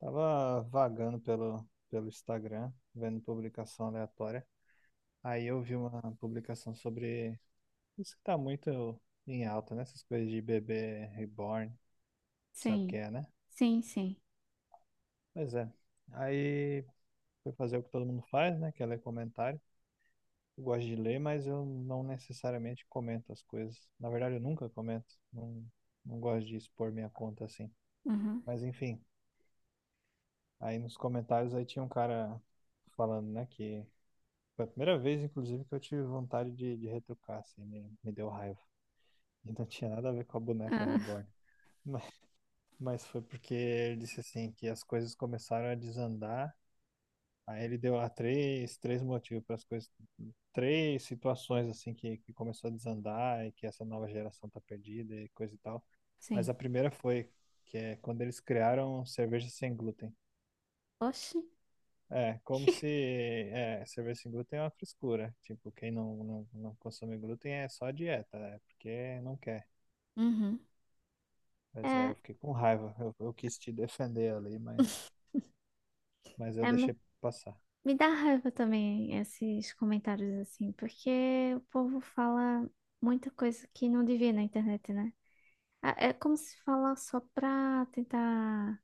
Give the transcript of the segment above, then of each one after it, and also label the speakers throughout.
Speaker 1: Tava vagando pelo Instagram, vendo publicação aleatória. Aí eu vi uma publicação sobre isso que tá muito em alta, né? Essas coisas de bebê reborn, sabe o que
Speaker 2: Sim,
Speaker 1: é, né?
Speaker 2: sim, sim.
Speaker 1: Pois é. Aí fui fazer o que todo mundo faz, né? Que é ler comentário. Eu gosto de ler, mas eu não necessariamente comento as coisas. Na verdade, eu nunca comento. Não, não gosto de expor minha conta assim.
Speaker 2: Uhum.
Speaker 1: Mas enfim, aí nos comentários aí tinha um cara falando, né? Que foi a primeira vez, inclusive, que eu tive vontade de retrucar, assim, me deu raiva. E não tinha nada a ver com a boneca
Speaker 2: Ah,
Speaker 1: reborn. Mas, mas foi porque ele disse assim que as coisas começaram a desandar. Aí ele deu lá três motivos para as coisas, três situações assim que começou a desandar e que essa nova geração tá perdida e coisa e tal. Mas
Speaker 2: sim.
Speaker 1: a primeira foi que é quando eles criaram cerveja sem glúten.
Speaker 2: Oxi.
Speaker 1: É, como se é, cerveja sem glúten é uma frescura. Tipo, quem não consome glúten é só dieta, é porque não quer.
Speaker 2: Uhum.
Speaker 1: Mas é,
Speaker 2: É,
Speaker 1: eu fiquei com raiva. Eu quis te defender ali, mas, mas eu
Speaker 2: é, me,
Speaker 1: deixei passar.
Speaker 2: me dá raiva também esses comentários assim, porque o povo fala muita coisa que não devia na internet, né? É é como se fala só pra tentar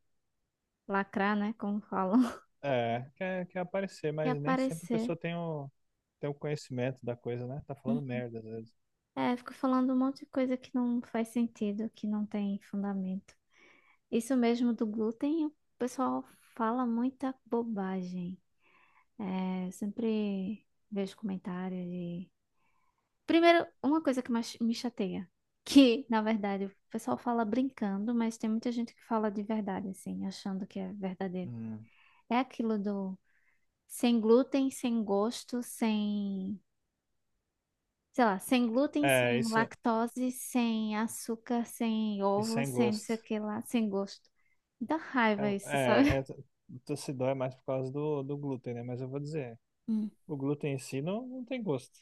Speaker 2: lacrar, né? Como falam,
Speaker 1: É, quer aparecer,
Speaker 2: e
Speaker 1: mas nem sempre a
Speaker 2: aparecer.
Speaker 1: pessoa tem tem o conhecimento da coisa, né? Tá falando
Speaker 2: Hum.
Speaker 1: merda às vezes.
Speaker 2: É, fico falando um monte de coisa que não faz sentido, que não tem fundamento. Isso mesmo do glúten, o pessoal fala muita bobagem. É, sempre vejo comentários de. Primeiro, uma coisa que mais me chateia, que na verdade o pessoal fala brincando, mas tem muita gente que fala de verdade, assim, achando que é verdadeiro.
Speaker 1: Hum.
Speaker 2: É aquilo do sem glúten, sem gosto, sem. Sei lá, sem glúten,
Speaker 1: É,
Speaker 2: sem
Speaker 1: isso,
Speaker 2: lactose, sem açúcar, sem
Speaker 1: isso
Speaker 2: ovo,
Speaker 1: sem
Speaker 2: sem não sei o
Speaker 1: gosto.
Speaker 2: que lá, sem gosto. Dá
Speaker 1: É,
Speaker 2: raiva isso,
Speaker 1: é,
Speaker 2: sabe?
Speaker 1: é, tossidó é mais por causa do glúten, né? Mas eu vou dizer,
Speaker 2: Hum.
Speaker 1: o glúten em si não tem gosto.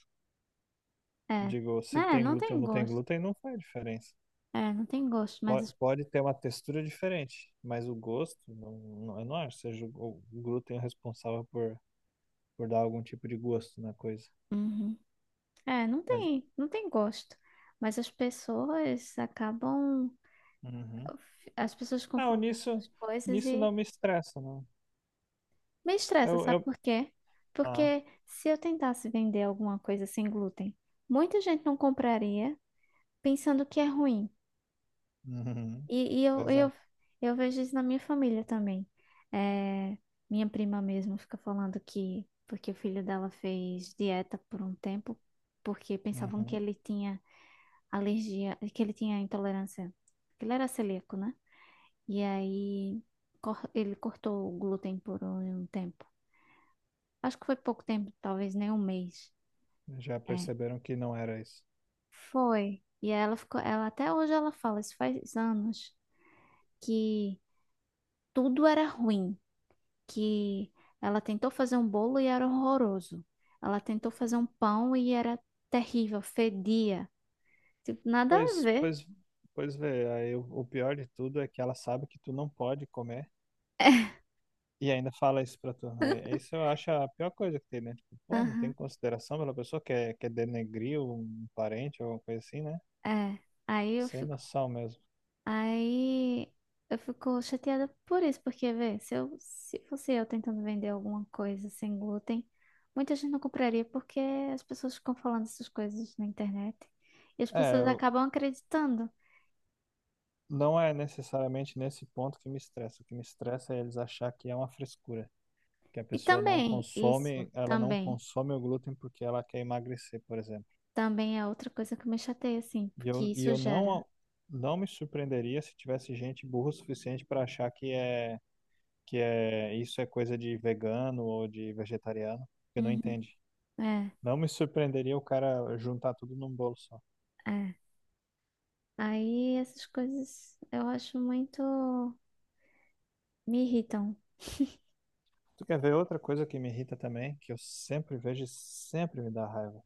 Speaker 2: É,
Speaker 1: Digo, se
Speaker 2: é,
Speaker 1: tem
Speaker 2: não
Speaker 1: glúten
Speaker 2: tem
Speaker 1: ou não tem
Speaker 2: gosto.
Speaker 1: glúten, não faz diferença.
Speaker 2: É, não tem gosto, mas.
Speaker 1: Pode ter uma textura diferente, mas o gosto, não, eu não acho que seja o glúten responsável por dar algum tipo de gosto na coisa.
Speaker 2: Uhum. É, não
Speaker 1: Mas,
Speaker 2: tem, não tem gosto. Mas as pessoas acabam,
Speaker 1: uhum.
Speaker 2: as pessoas
Speaker 1: Não,
Speaker 2: confundem
Speaker 1: nisso,
Speaker 2: as coisas
Speaker 1: nisso não
Speaker 2: e
Speaker 1: me estressa, não.
Speaker 2: me estressa,
Speaker 1: Eu,
Speaker 2: sabe
Speaker 1: eu...
Speaker 2: por quê?
Speaker 1: Ah,
Speaker 2: Porque se eu tentasse vender alguma coisa sem glúten, muita gente não compraria pensando que é ruim.
Speaker 1: uhum.
Speaker 2: E, e eu,
Speaker 1: Pois é.
Speaker 2: eu, eu vejo isso na minha família também. É, minha prima mesmo fica falando que porque o filho dela fez dieta por um tempo, porque pensavam que
Speaker 1: Uhum.
Speaker 2: ele tinha alergia, que ele tinha intolerância, que ele era celíaco, né? E aí ele cortou o glúten por um tempo. Acho que foi pouco tempo, talvez nem um mês.
Speaker 1: Já
Speaker 2: É,
Speaker 1: perceberam que não era isso.
Speaker 2: foi. E aí ela ficou, ela até hoje ela fala, isso faz anos, que tudo era ruim, que ela tentou fazer um bolo e era horroroso. Ela tentou fazer um pão e era terrível, fedia. Tipo, nada a
Speaker 1: Pois,
Speaker 2: ver.
Speaker 1: pois, pois vê, aí o pior de tudo é que ela sabe que tu não pode comer. E ainda fala isso pra tu, né? É, isso eu acho a pior coisa que tem, né? Tipo, pô, não tem
Speaker 2: Aham,
Speaker 1: consideração pela pessoa que é, quer denegrir um parente ou alguma coisa assim, né?
Speaker 2: é. Aí eu
Speaker 1: Sem
Speaker 2: fico
Speaker 1: noção mesmo.
Speaker 2: Aí eu fico chateada por isso, porque, vê, se eu, se fosse eu tentando vender alguma coisa sem glúten, muita gente não compraria porque as pessoas ficam falando essas coisas na internet e as
Speaker 1: É,
Speaker 2: pessoas acabam acreditando.
Speaker 1: não é necessariamente nesse ponto que me estressa. O que me estressa é eles achar que é uma frescura. Que a
Speaker 2: E
Speaker 1: pessoa não
Speaker 2: também, isso,
Speaker 1: consome, ela não
Speaker 2: também,
Speaker 1: consome o glúten porque ela quer emagrecer, por exemplo.
Speaker 2: também é outra coisa que me chateia, assim, porque
Speaker 1: E
Speaker 2: isso
Speaker 1: eu
Speaker 2: gera.
Speaker 1: não, não me surpreenderia se tivesse gente burra o suficiente para achar que é. Isso é coisa de vegano ou de vegetariano, que não
Speaker 2: Uhum.
Speaker 1: entende.
Speaker 2: É,
Speaker 1: Não me surpreenderia o cara juntar tudo num bolo só.
Speaker 2: é. Aí essas coisas eu acho muito. Me irritam. O
Speaker 1: Tu quer ver outra coisa que me irrita também, que eu sempre vejo e sempre me dá raiva?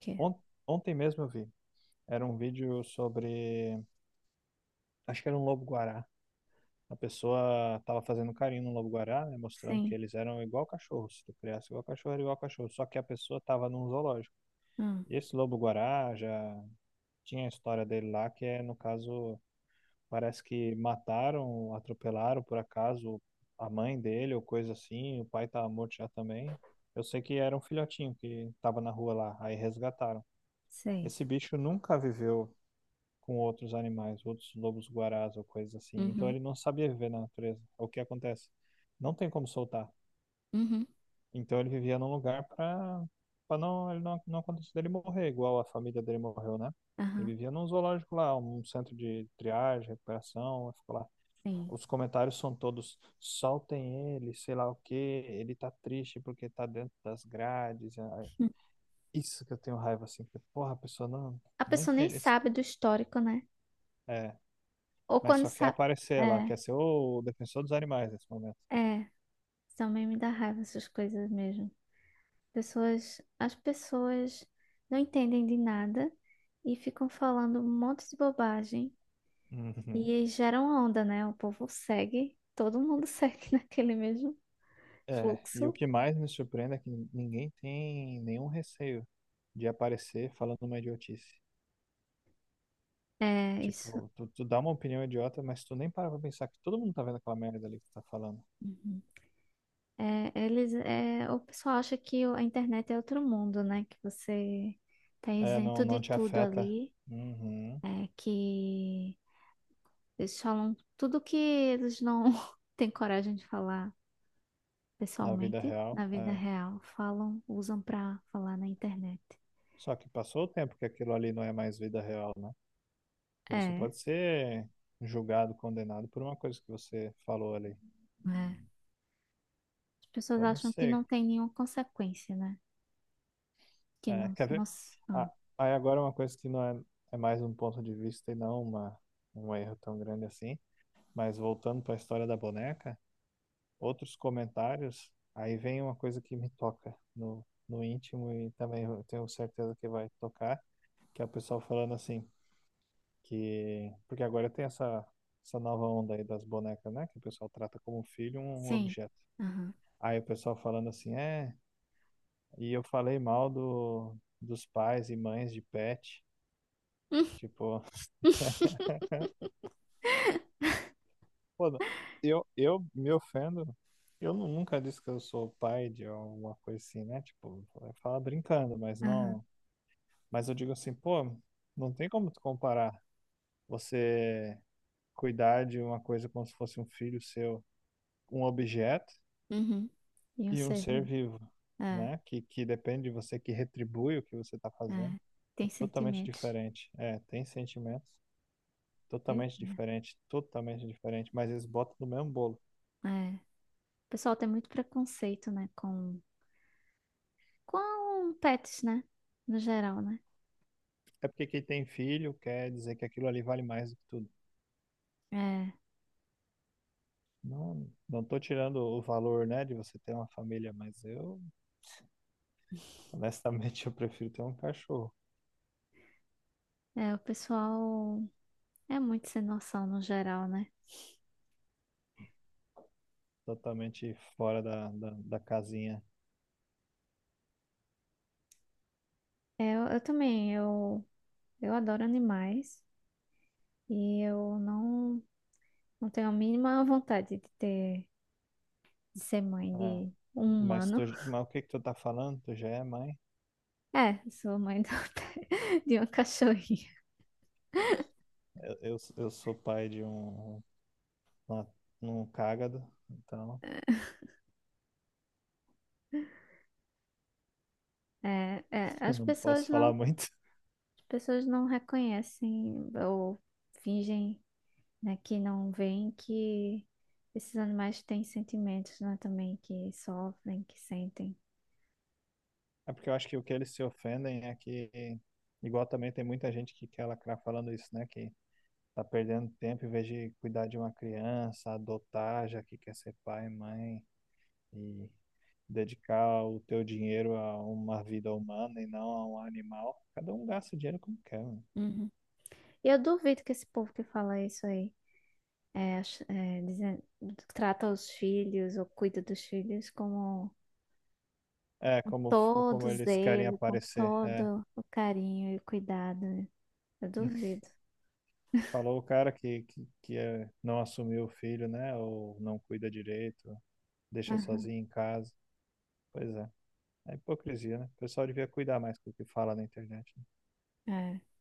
Speaker 2: quê?
Speaker 1: Ont- Ontem mesmo eu vi. Era um vídeo sobre. Acho que era um lobo-guará. A pessoa estava fazendo carinho no lobo-guará, né, mostrando que
Speaker 2: Sim.
Speaker 1: eles eram igual cachorro. Se tu criasse igual cachorro, era igual cachorro. Só que a pessoa estava num zoológico.
Speaker 2: Hum,
Speaker 1: E esse lobo-guará já tinha a história dele lá, que é, no caso. Parece que mataram, atropelaram por acaso a mãe dele ou coisa assim. O pai tava morto já também. Eu sei que era um filhotinho que tava na rua lá, aí resgataram.
Speaker 2: sei.
Speaker 1: Esse bicho nunca viveu com outros animais, outros lobos-guarás ou coisas assim. Então
Speaker 2: Uhum.
Speaker 1: ele não sabia viver na natureza. É. O que acontece? Não tem como soltar.
Speaker 2: Uhum.
Speaker 1: Então ele vivia num lugar para ele não acontecer dele morrer, igual a família dele morreu, né?
Speaker 2: Aham.
Speaker 1: Ele vivia num zoológico lá, um centro de triagem, recuperação, ficou lá.
Speaker 2: Sim.
Speaker 1: Os comentários são todos, soltem ele, sei lá o quê, ele tá triste porque tá dentro das grades. Ah,
Speaker 2: Hum.
Speaker 1: isso que eu tenho raiva, assim, porque, porra, a pessoa
Speaker 2: A
Speaker 1: não
Speaker 2: pessoa nem
Speaker 1: entende isso.
Speaker 2: sabe do histórico, né?
Speaker 1: É,
Speaker 2: Ou
Speaker 1: mas
Speaker 2: quando
Speaker 1: só quer
Speaker 2: sabe.
Speaker 1: aparecer lá,
Speaker 2: É,
Speaker 1: quer ser o defensor dos animais nesse momento.
Speaker 2: é. Também me dá raiva essas coisas mesmo. Pessoas, as pessoas não entendem de nada e ficam falando um monte de bobagem e
Speaker 1: Uhum.
Speaker 2: aí geram onda, né? O povo segue, todo mundo segue naquele mesmo
Speaker 1: É, e o
Speaker 2: fluxo.
Speaker 1: que mais me surpreende é que ninguém tem nenhum receio de aparecer falando uma idiotice.
Speaker 2: É isso.
Speaker 1: Tipo, tu dá uma opinião idiota, mas tu nem para pra pensar que todo mundo tá vendo aquela merda ali que tu tá falando.
Speaker 2: Uhum. É, eles, é, o pessoal acha que a internet é outro mundo, né? Que você tá
Speaker 1: É,
Speaker 2: isento de
Speaker 1: não te
Speaker 2: tudo
Speaker 1: afeta.
Speaker 2: ali.
Speaker 1: Uhum.
Speaker 2: É que eles falam tudo que eles não têm coragem de falar
Speaker 1: Na vida
Speaker 2: pessoalmente na
Speaker 1: real.
Speaker 2: vida
Speaker 1: É.
Speaker 2: real, falam, usam pra falar na internet.
Speaker 1: Só que passou o tempo que aquilo ali não é mais vida real, né? Porque
Speaker 2: É,
Speaker 1: você
Speaker 2: é.
Speaker 1: pode ser julgado, condenado por uma coisa que você falou ali.
Speaker 2: As pessoas
Speaker 1: Então, não
Speaker 2: acham que
Speaker 1: sei.
Speaker 2: não tem nenhuma consequência, né? Que
Speaker 1: É,
Speaker 2: não,
Speaker 1: quer
Speaker 2: não,
Speaker 1: ver?
Speaker 2: ah,
Speaker 1: Ah, aí agora é uma coisa que não é, é mais um ponto de vista e não um erro tão grande assim. Mas voltando para a história da boneca, outros comentários, aí vem uma coisa que me toca no íntimo e também eu tenho certeza que vai tocar, que é o pessoal falando assim. Que porque agora tem essa nova onda aí das bonecas, né, que o pessoal trata como um filho um
Speaker 2: sim.
Speaker 1: objeto.
Speaker 2: Aham.
Speaker 1: Aí o pessoal falando assim, é, e eu falei mal do dos pais e mães de pet,
Speaker 2: Hum.
Speaker 1: tipo, pô, eu me ofendo. Nunca disse que eu sou pai de alguma coisa assim, né? Tipo, fala brincando, mas
Speaker 2: Aham.
Speaker 1: não, mas eu digo assim, pô, não tem como tu comparar você cuidar de uma coisa como se fosse um filho seu, um objeto
Speaker 2: Uhum. E um
Speaker 1: e um
Speaker 2: ser
Speaker 1: ser
Speaker 2: vivo.
Speaker 1: vivo,
Speaker 2: É,
Speaker 1: né? Que depende de você, que retribui o que você está fazendo.
Speaker 2: é.
Speaker 1: É
Speaker 2: Tem
Speaker 1: totalmente
Speaker 2: sentimentos.
Speaker 1: diferente. É, tem sentimentos
Speaker 2: É.
Speaker 1: totalmente diferentes, mas eles botam no mesmo bolo.
Speaker 2: É. O pessoal tem muito preconceito, né? Com pets, né? No geral, né?
Speaker 1: É porque quem tem filho quer dizer que aquilo ali vale mais do que tudo.
Speaker 2: É.
Speaker 1: Não tô tirando o valor, né, de você ter uma família, mas eu, honestamente, eu prefiro ter um cachorro
Speaker 2: É, o pessoal é muito sem noção no geral, né?
Speaker 1: totalmente fora da casinha.
Speaker 2: É, eu também, eu adoro animais e eu não, não tenho a mínima vontade de ter, de ser mãe
Speaker 1: Ah,
Speaker 2: de um humano.
Speaker 1: mas o que que tu tá falando? Tu já é mãe?
Speaker 2: É, eu sou mãe de uma cachorrinha.
Speaker 1: Eu sou pai de um, uma- um cágado, então
Speaker 2: É, é,
Speaker 1: não posso falar muito.
Speaker 2: as pessoas não reconhecem ou fingem, né, que não veem que esses animais têm sentimentos, né, também, que sofrem, que sentem.
Speaker 1: É porque eu acho que o que eles se ofendem é que, igual também tem muita gente que quer lacrar falando isso, né? Que tá perdendo tempo em vez de cuidar de uma criança, adotar, já que quer ser pai, mãe, e dedicar o teu dinheiro a uma vida humana e não a um animal. Cada um gasta o dinheiro como quer, né?
Speaker 2: Uhum. E eu duvido que esse povo que fala isso aí, é, é, dizendo- trata os filhos ou cuida dos filhos como
Speaker 1: É, como,
Speaker 2: todo
Speaker 1: como eles querem
Speaker 2: zelo, com
Speaker 1: aparecer. É.
Speaker 2: todo o carinho e cuidado. Né? Eu duvido.
Speaker 1: Falou o cara que é, não assumiu o filho, né? Ou não cuida direito, deixa
Speaker 2: Aham,
Speaker 1: sozinho em casa. Pois é, é hipocrisia, né? O pessoal devia cuidar mais do que fala na internet, né?
Speaker 2: é.